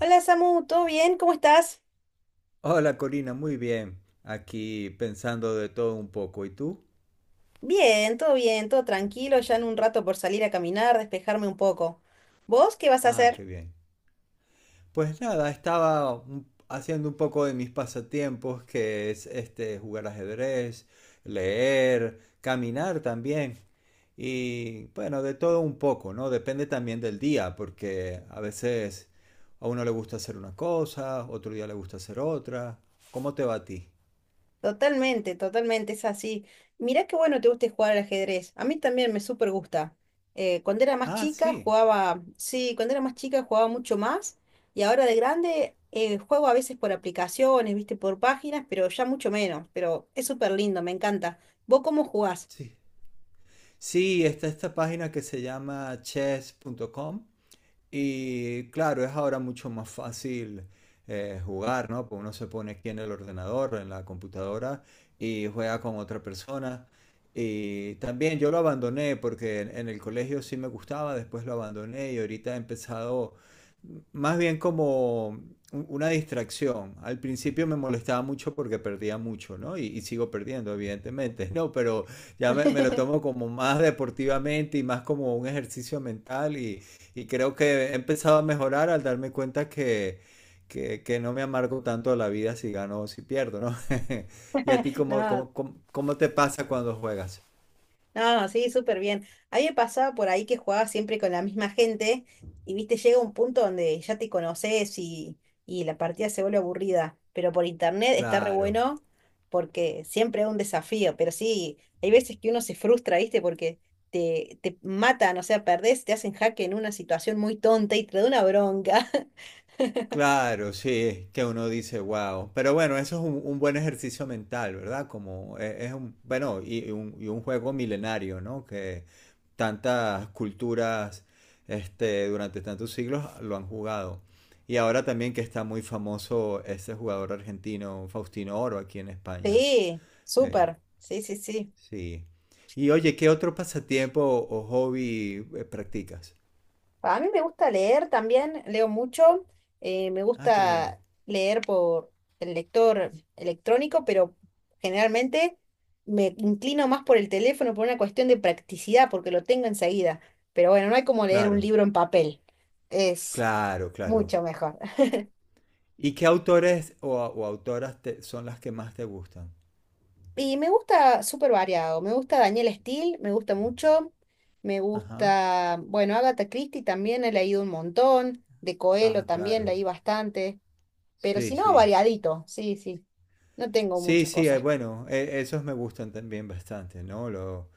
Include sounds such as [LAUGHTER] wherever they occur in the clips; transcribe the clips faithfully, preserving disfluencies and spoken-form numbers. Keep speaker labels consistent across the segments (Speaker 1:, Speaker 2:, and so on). Speaker 1: Hola Samu, ¿todo bien? ¿Cómo estás?
Speaker 2: Hola Corina, muy bien. Aquí pensando de todo un poco. ¿Y tú?
Speaker 1: Bien, todo bien, todo tranquilo, ya en un rato por salir a caminar, despejarme un poco. ¿Vos qué vas a
Speaker 2: Ah,
Speaker 1: hacer?
Speaker 2: qué bien. Pues nada, estaba un- haciendo un poco de mis pasatiempos, que es este jugar ajedrez, leer, caminar también. Y bueno, de todo un poco, ¿no? Depende también del día, porque a veces a uno le gusta hacer una cosa, otro día le gusta hacer otra. ¿Cómo te va a ti?
Speaker 1: Totalmente, totalmente, es así. Mirá qué bueno te guste jugar al ajedrez. A mí también me súper gusta. Eh, cuando era más
Speaker 2: Ah,
Speaker 1: chica
Speaker 2: sí,
Speaker 1: jugaba, sí, cuando era más chica jugaba mucho más y ahora de grande eh, juego a veces por aplicaciones, viste, por páginas, pero ya mucho menos. Pero es súper lindo, me encanta. ¿Vos cómo jugás?
Speaker 2: sí. Sí, está esta página que se llama chess punto com. Y claro, es ahora mucho más fácil eh, jugar, ¿no? Pues uno se pone aquí en el ordenador, en la computadora, y juega con otra persona. Y también yo lo abandoné porque en, en el colegio sí me gustaba, después lo abandoné y ahorita he empezado más bien como un- una distracción. Al principio me molestaba mucho porque perdía mucho, ¿no? Y, y sigo perdiendo, evidentemente, ¿no? Pero ya me, me lo tomo
Speaker 1: [LAUGHS]
Speaker 2: como más deportivamente y más como un ejercicio mental y creo que he empezado a mejorar al darme cuenta que, que, que no me amargo tanto la vida si gano o si pierdo, ¿no? [LAUGHS] ¿Y a ti cómo,
Speaker 1: No,
Speaker 2: cómo, cómo, cómo te pasa cuando juegas?
Speaker 1: no, sí, súper bien. A mí me pasaba por ahí que jugaba siempre con la misma gente y, viste, llega un punto donde ya te conoces y, y la partida se vuelve aburrida. Pero por internet está re
Speaker 2: Claro.
Speaker 1: bueno porque siempre es un desafío. Pero sí, hay veces que uno se frustra, viste, porque te, te matan, o sea, perdés, te hacen jaque en una situación muy tonta y te da una bronca. [LAUGHS]
Speaker 2: Claro, sí, es que uno dice, wow. Pero bueno, eso es un, un buen ejercicio mental, ¿verdad? Como e- es, un, bueno, y, y un, y un juego milenario, ¿no? Que tantas culturas, este, durante tantos siglos lo han jugado. Y ahora también que está muy famoso ese jugador argentino, Faustino Oro, aquí en España.
Speaker 1: Sí,
Speaker 2: Eh,
Speaker 1: súper. Sí, sí, sí.
Speaker 2: sí. Y oye, ¿qué otro pasatiempo o hobby eh, practicas?
Speaker 1: A mí me gusta leer también, leo mucho, eh, me
Speaker 2: Ah, qué bien.
Speaker 1: gusta leer por el lector electrónico, pero generalmente me inclino más por el teléfono por una cuestión de practicidad, porque lo tengo enseguida. Pero bueno, no hay como leer un
Speaker 2: Claro,
Speaker 1: libro en papel, es
Speaker 2: claro, claro.
Speaker 1: mucho mejor.
Speaker 2: ¿Y qué autores o, o autoras te- son las que más te gustan?
Speaker 1: Y me gusta súper variado, me gusta Daniel Steele, me gusta mucho, me
Speaker 2: Ajá.
Speaker 1: gusta, bueno, Agatha Christie también he leído un montón, de Coelho
Speaker 2: Ah,
Speaker 1: también
Speaker 2: claro.
Speaker 1: leí bastante. Pero
Speaker 2: Sí,
Speaker 1: si no,
Speaker 2: sí.
Speaker 1: variadito, sí, sí. No tengo
Speaker 2: Sí,
Speaker 1: muchas
Speaker 2: sí, eh,
Speaker 1: cosas.
Speaker 2: bueno, e- esos me gustan también bastante, ¿no? Lo,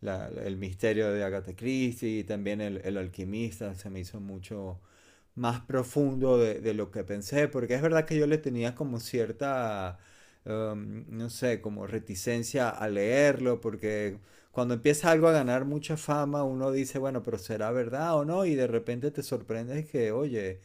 Speaker 2: la- el misterio de Agatha Christie y también el, el alquimista se me hizo mucho, más profundo de, de lo que pensé, porque es verdad que yo le tenía como cierta, um, no sé, como reticencia a leerlo, porque cuando empieza algo a ganar mucha fama, uno dice, bueno, pero será verdad o no, y de repente te sorprendes que, oye,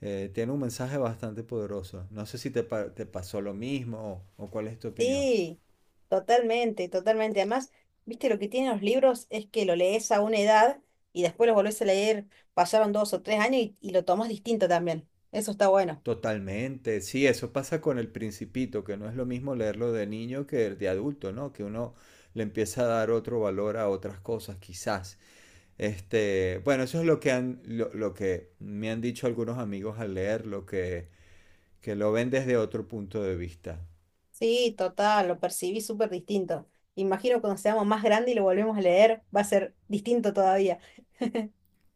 Speaker 2: eh, tiene un mensaje bastante poderoso. No sé si te, pa- te pasó lo mismo o, o cuál es tu opinión.
Speaker 1: Sí, totalmente, totalmente. Además, viste, lo que tienen los libros es que lo lees a una edad y después lo volvés a leer, pasaron dos o tres años y, y lo tomás distinto también. Eso está bueno.
Speaker 2: Totalmente, sí, eso pasa con El Principito, que no es lo mismo leerlo de niño que de adulto, ¿no? Que uno le empieza a dar otro valor a otras cosas, quizás. Este, bueno, eso es lo que han, lo, lo que me han dicho algunos amigos al leerlo, que, que lo ven desde otro punto de vista.
Speaker 1: Sí, total, lo percibí súper distinto. Imagino cuando seamos más grandes y lo volvemos a leer, va a ser distinto todavía.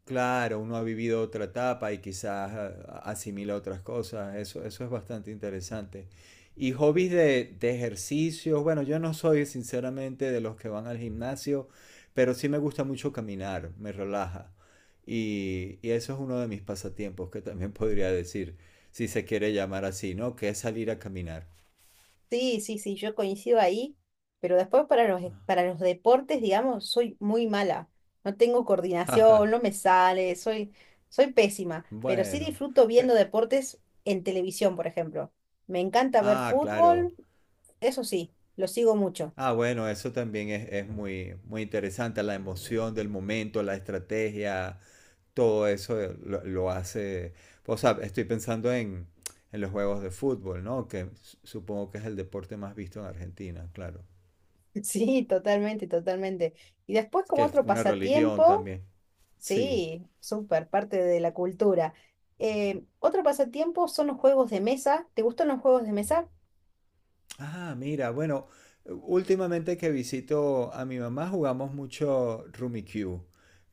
Speaker 2: Claro, uno ha vivido otra etapa y quizás ah, asimila otras cosas. Eso, eso es bastante interesante. Y hobbies de, de ejercicios. Bueno, yo no soy sinceramente de los que van al gimnasio, pero sí me gusta mucho caminar, me relaja. Y, y eso es uno de mis pasatiempos que también [LAUGHS] podría decir, si se quiere llamar así, ¿no? Que es salir a caminar.
Speaker 1: Sí, sí, sí, yo coincido ahí, pero después para los, e, para los deportes, digamos, soy muy mala. No tengo coordinación, no
Speaker 2: [LAUGHS]
Speaker 1: me sale, soy, soy pésima, pero sí
Speaker 2: Bueno.
Speaker 1: disfruto viendo
Speaker 2: pe-
Speaker 1: deportes en televisión, por ejemplo. Me encanta ver
Speaker 2: Ah, claro.
Speaker 1: fútbol, eso sí, lo sigo mucho.
Speaker 2: Ah, bueno, eso también es, es muy, muy interesante, la emoción del momento, la estrategia, todo eso eh, lo, lo hace. O sea, estoy pensando en, en los juegos de fútbol, ¿no? Que su- supongo que es el deporte más visto en Argentina, claro.
Speaker 1: [LAUGHS] Sí, totalmente, totalmente. Y después
Speaker 2: Es que
Speaker 1: como
Speaker 2: es
Speaker 1: otro
Speaker 2: una religión
Speaker 1: pasatiempo,
Speaker 2: también. Sí.
Speaker 1: sí, súper, parte de la cultura. Eh, otro pasatiempo son los juegos de mesa. ¿Te gustan los juegos de mesa?
Speaker 2: Ah, mira, bueno, últimamente que visito a mi mamá jugamos mucho Rummikub,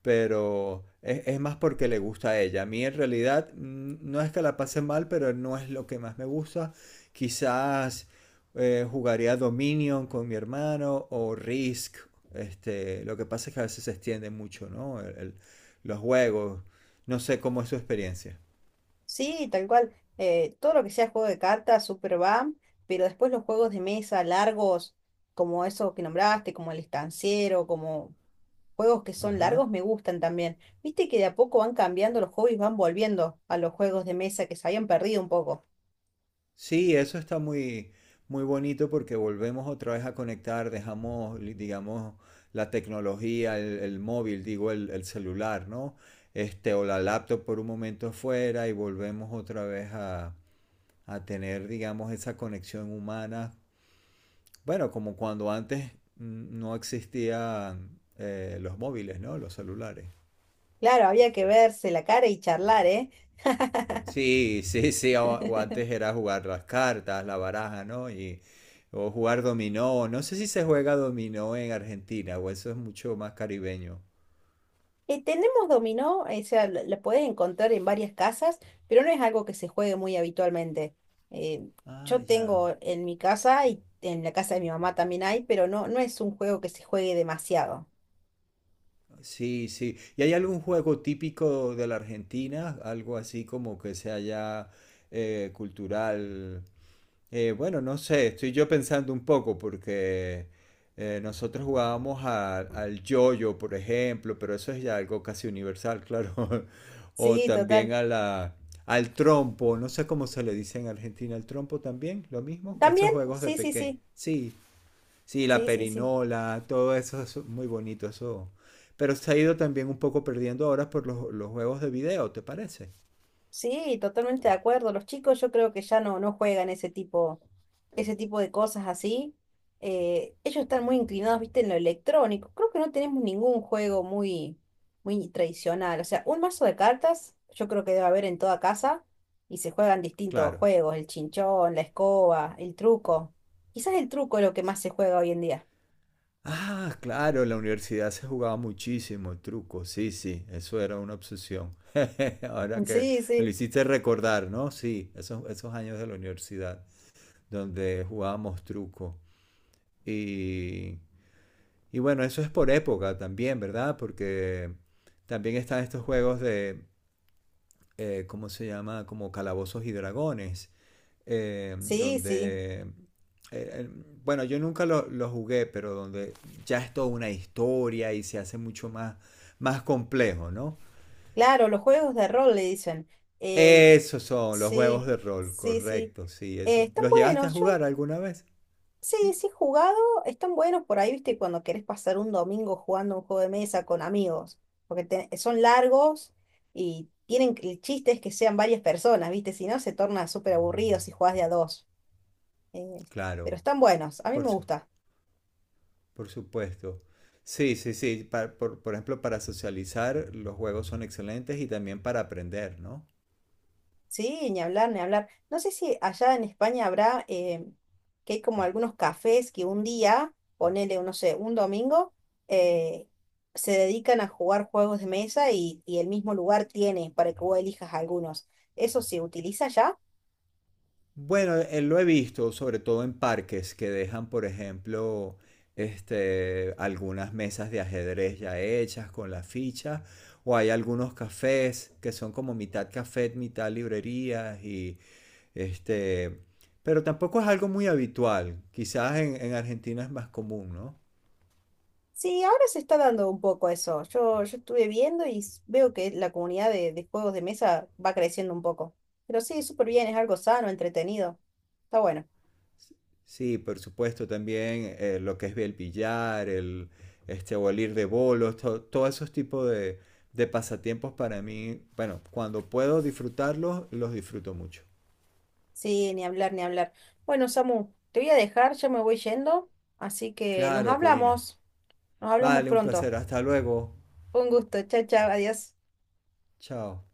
Speaker 2: pero es, es más porque le gusta a ella. A mí en realidad mm, no es que la pase mal, pero no es lo que más me gusta. Quizás eh, jugaría Dominion con mi hermano o Risk. Este, lo que pasa es que a veces se extiende mucho, ¿no? El- el- los juegos. No sé cómo es su experiencia.
Speaker 1: Sí, tal cual. Eh, todo lo que sea juego de cartas, super va, pero después los juegos de mesa largos, como esos que nombraste, como el estanciero, como juegos que son
Speaker 2: Ajá.
Speaker 1: largos, me gustan también. Viste que de a poco van cambiando los hobbies, van volviendo a los juegos de mesa que se habían perdido un poco.
Speaker 2: Sí, eso está muy, muy bonito porque volvemos otra vez a conectar, dejamos, li- digamos, la tecnología, el, el móvil, digo, el, el celular, ¿no? Este, o la laptop por un momento fuera y volvemos otra vez a, a tener, digamos, esa conexión humana. Bueno, como cuando antes mm, no existían eh, los móviles, ¿no? Los celulares.
Speaker 1: Claro, había que verse la cara y charlar, ¿eh?
Speaker 2: Sí, sí, sí, o, o
Speaker 1: [LAUGHS]
Speaker 2: antes era jugar las cartas, la baraja, ¿no? Y, o jugar dominó, no sé si se juega dominó en Argentina, o eso es mucho más caribeño.
Speaker 1: Eh, tenemos dominó, o sea, lo- la puedes encontrar en varias casas, pero no es algo que se juegue muy habitualmente. Eh,
Speaker 2: Ah,
Speaker 1: yo
Speaker 2: ya,
Speaker 1: tengo en mi casa y en la casa de mi mamá también hay, pero no, no es un juego que se juegue demasiado.
Speaker 2: sí, sí. ¿Y hay algún juego típico de la Argentina? Algo así como que sea ya eh, cultural. Eh, bueno, no sé, estoy yo pensando un poco porque eh, nosotros jugábamos a- al yoyo, por ejemplo, pero eso es ya algo casi universal, claro. [LAUGHS] O
Speaker 1: Sí,
Speaker 2: también
Speaker 1: total.
Speaker 2: a la, al trompo, no sé cómo se le dice en Argentina, al trompo también, lo mismo. Estos
Speaker 1: También,
Speaker 2: juegos de
Speaker 1: sí, sí,
Speaker 2: pequeño.
Speaker 1: sí,
Speaker 2: Sí, sí, la
Speaker 1: sí, sí, sí.
Speaker 2: perinola, todo eso es muy bonito, eso. Pero se ha ido también un poco perdiendo ahora por los, los juegos de video, ¿te parece?
Speaker 1: Sí, totalmente de acuerdo. Los chicos yo creo que ya no, no juegan ese tipo. Ese tipo de cosas así, eh, ellos están muy inclinados, viste, en lo electrónico. Creo que no tenemos ningún juego muy, muy tradicional. O sea, un mazo de cartas, yo creo que debe haber en toda casa y se juegan distintos
Speaker 2: Claro.
Speaker 1: juegos, el chinchón, la escoba, el truco. Quizás el truco es lo que más se juega hoy en día. [LAUGHS]
Speaker 2: Ah, claro, en la universidad se jugaba muchísimo el truco, sí, sí, eso era una obsesión. [LAUGHS] Ahora que
Speaker 1: Sí,
Speaker 2: me lo
Speaker 1: sí,
Speaker 2: hiciste recordar, ¿no? Sí, esos, esos años de la universidad donde jugábamos truco. Y, y bueno, eso es por época también, ¿verdad? Porque también están estos juegos de, eh, ¿cómo se llama? Como calabozos y dragones, eh,
Speaker 1: sí, sí.
Speaker 2: donde, eh, eh, bueno, yo nunca lo, lo jugué, pero donde ya es toda una historia y se hace mucho más, más complejo, ¿no?
Speaker 1: Claro, los juegos de rol le dicen. Em,
Speaker 2: Esos son los juegos
Speaker 1: sí,
Speaker 2: de rol,
Speaker 1: sí, sí.
Speaker 2: correcto, sí,
Speaker 1: Eh,
Speaker 2: eso.
Speaker 1: están
Speaker 2: ¿Los llegaste a
Speaker 1: buenos. Yo
Speaker 2: jugar alguna vez?
Speaker 1: sí,
Speaker 2: Sí,
Speaker 1: sí, he jugado, están buenos por ahí, viste, cuando querés pasar un domingo jugando un juego de mesa con amigos, porque te- son largos y tienen que- el chiste es que sean varias personas, viste, si no se torna súper aburrido si jugás de a dos. Eh,
Speaker 2: claro,
Speaker 1: pero están buenos, a mí
Speaker 2: por
Speaker 1: me
Speaker 2: su-
Speaker 1: gusta.
Speaker 2: por supuesto. Sí, sí, sí, pa- por, por ejemplo, para socializar los juegos son excelentes y también para aprender, ¿no?
Speaker 1: Sí, ni hablar, ni hablar. No sé si allá en España habrá eh, que hay como algunos cafés que un día, ponele, no sé, un domingo, eh, se dedican a jugar juegos de mesa y, y el mismo lugar tiene para que vos elijas algunos. ¿Eso se utiliza ya?
Speaker 2: Bueno, eh, lo he visto, sobre todo en parques que dejan, por ejemplo, este, algunas mesas de ajedrez ya hechas con las fichas, o hay algunos cafés que son como mitad café, mitad librerías y este, pero tampoco es algo muy habitual. Quizás en, en Argentina es más común, ¿no?
Speaker 1: Sí, ahora se está dando un poco eso. Yo, yo estuve viendo y s- veo que la comunidad de, de juegos de mesa va creciendo un poco. Pero sí, súper bien, es algo sano, entretenido. Está bueno.
Speaker 2: Sí, por supuesto, también eh, lo que es el billar, el, este, o el ir de bolos, to- todos esos tipos de, de pasatiempos para mí, bueno, cuando puedo disfrutarlos, los disfruto mucho.
Speaker 1: Sí, ni hablar, ni hablar. Bueno, Samu, te voy a dejar, ya me voy yendo, así que nos
Speaker 2: Claro, Corina.
Speaker 1: hablamos, nos hablamos
Speaker 2: Vale, un
Speaker 1: pronto.
Speaker 2: placer. Hasta luego.
Speaker 1: Un gusto, chao, chao, adiós.
Speaker 2: Chao.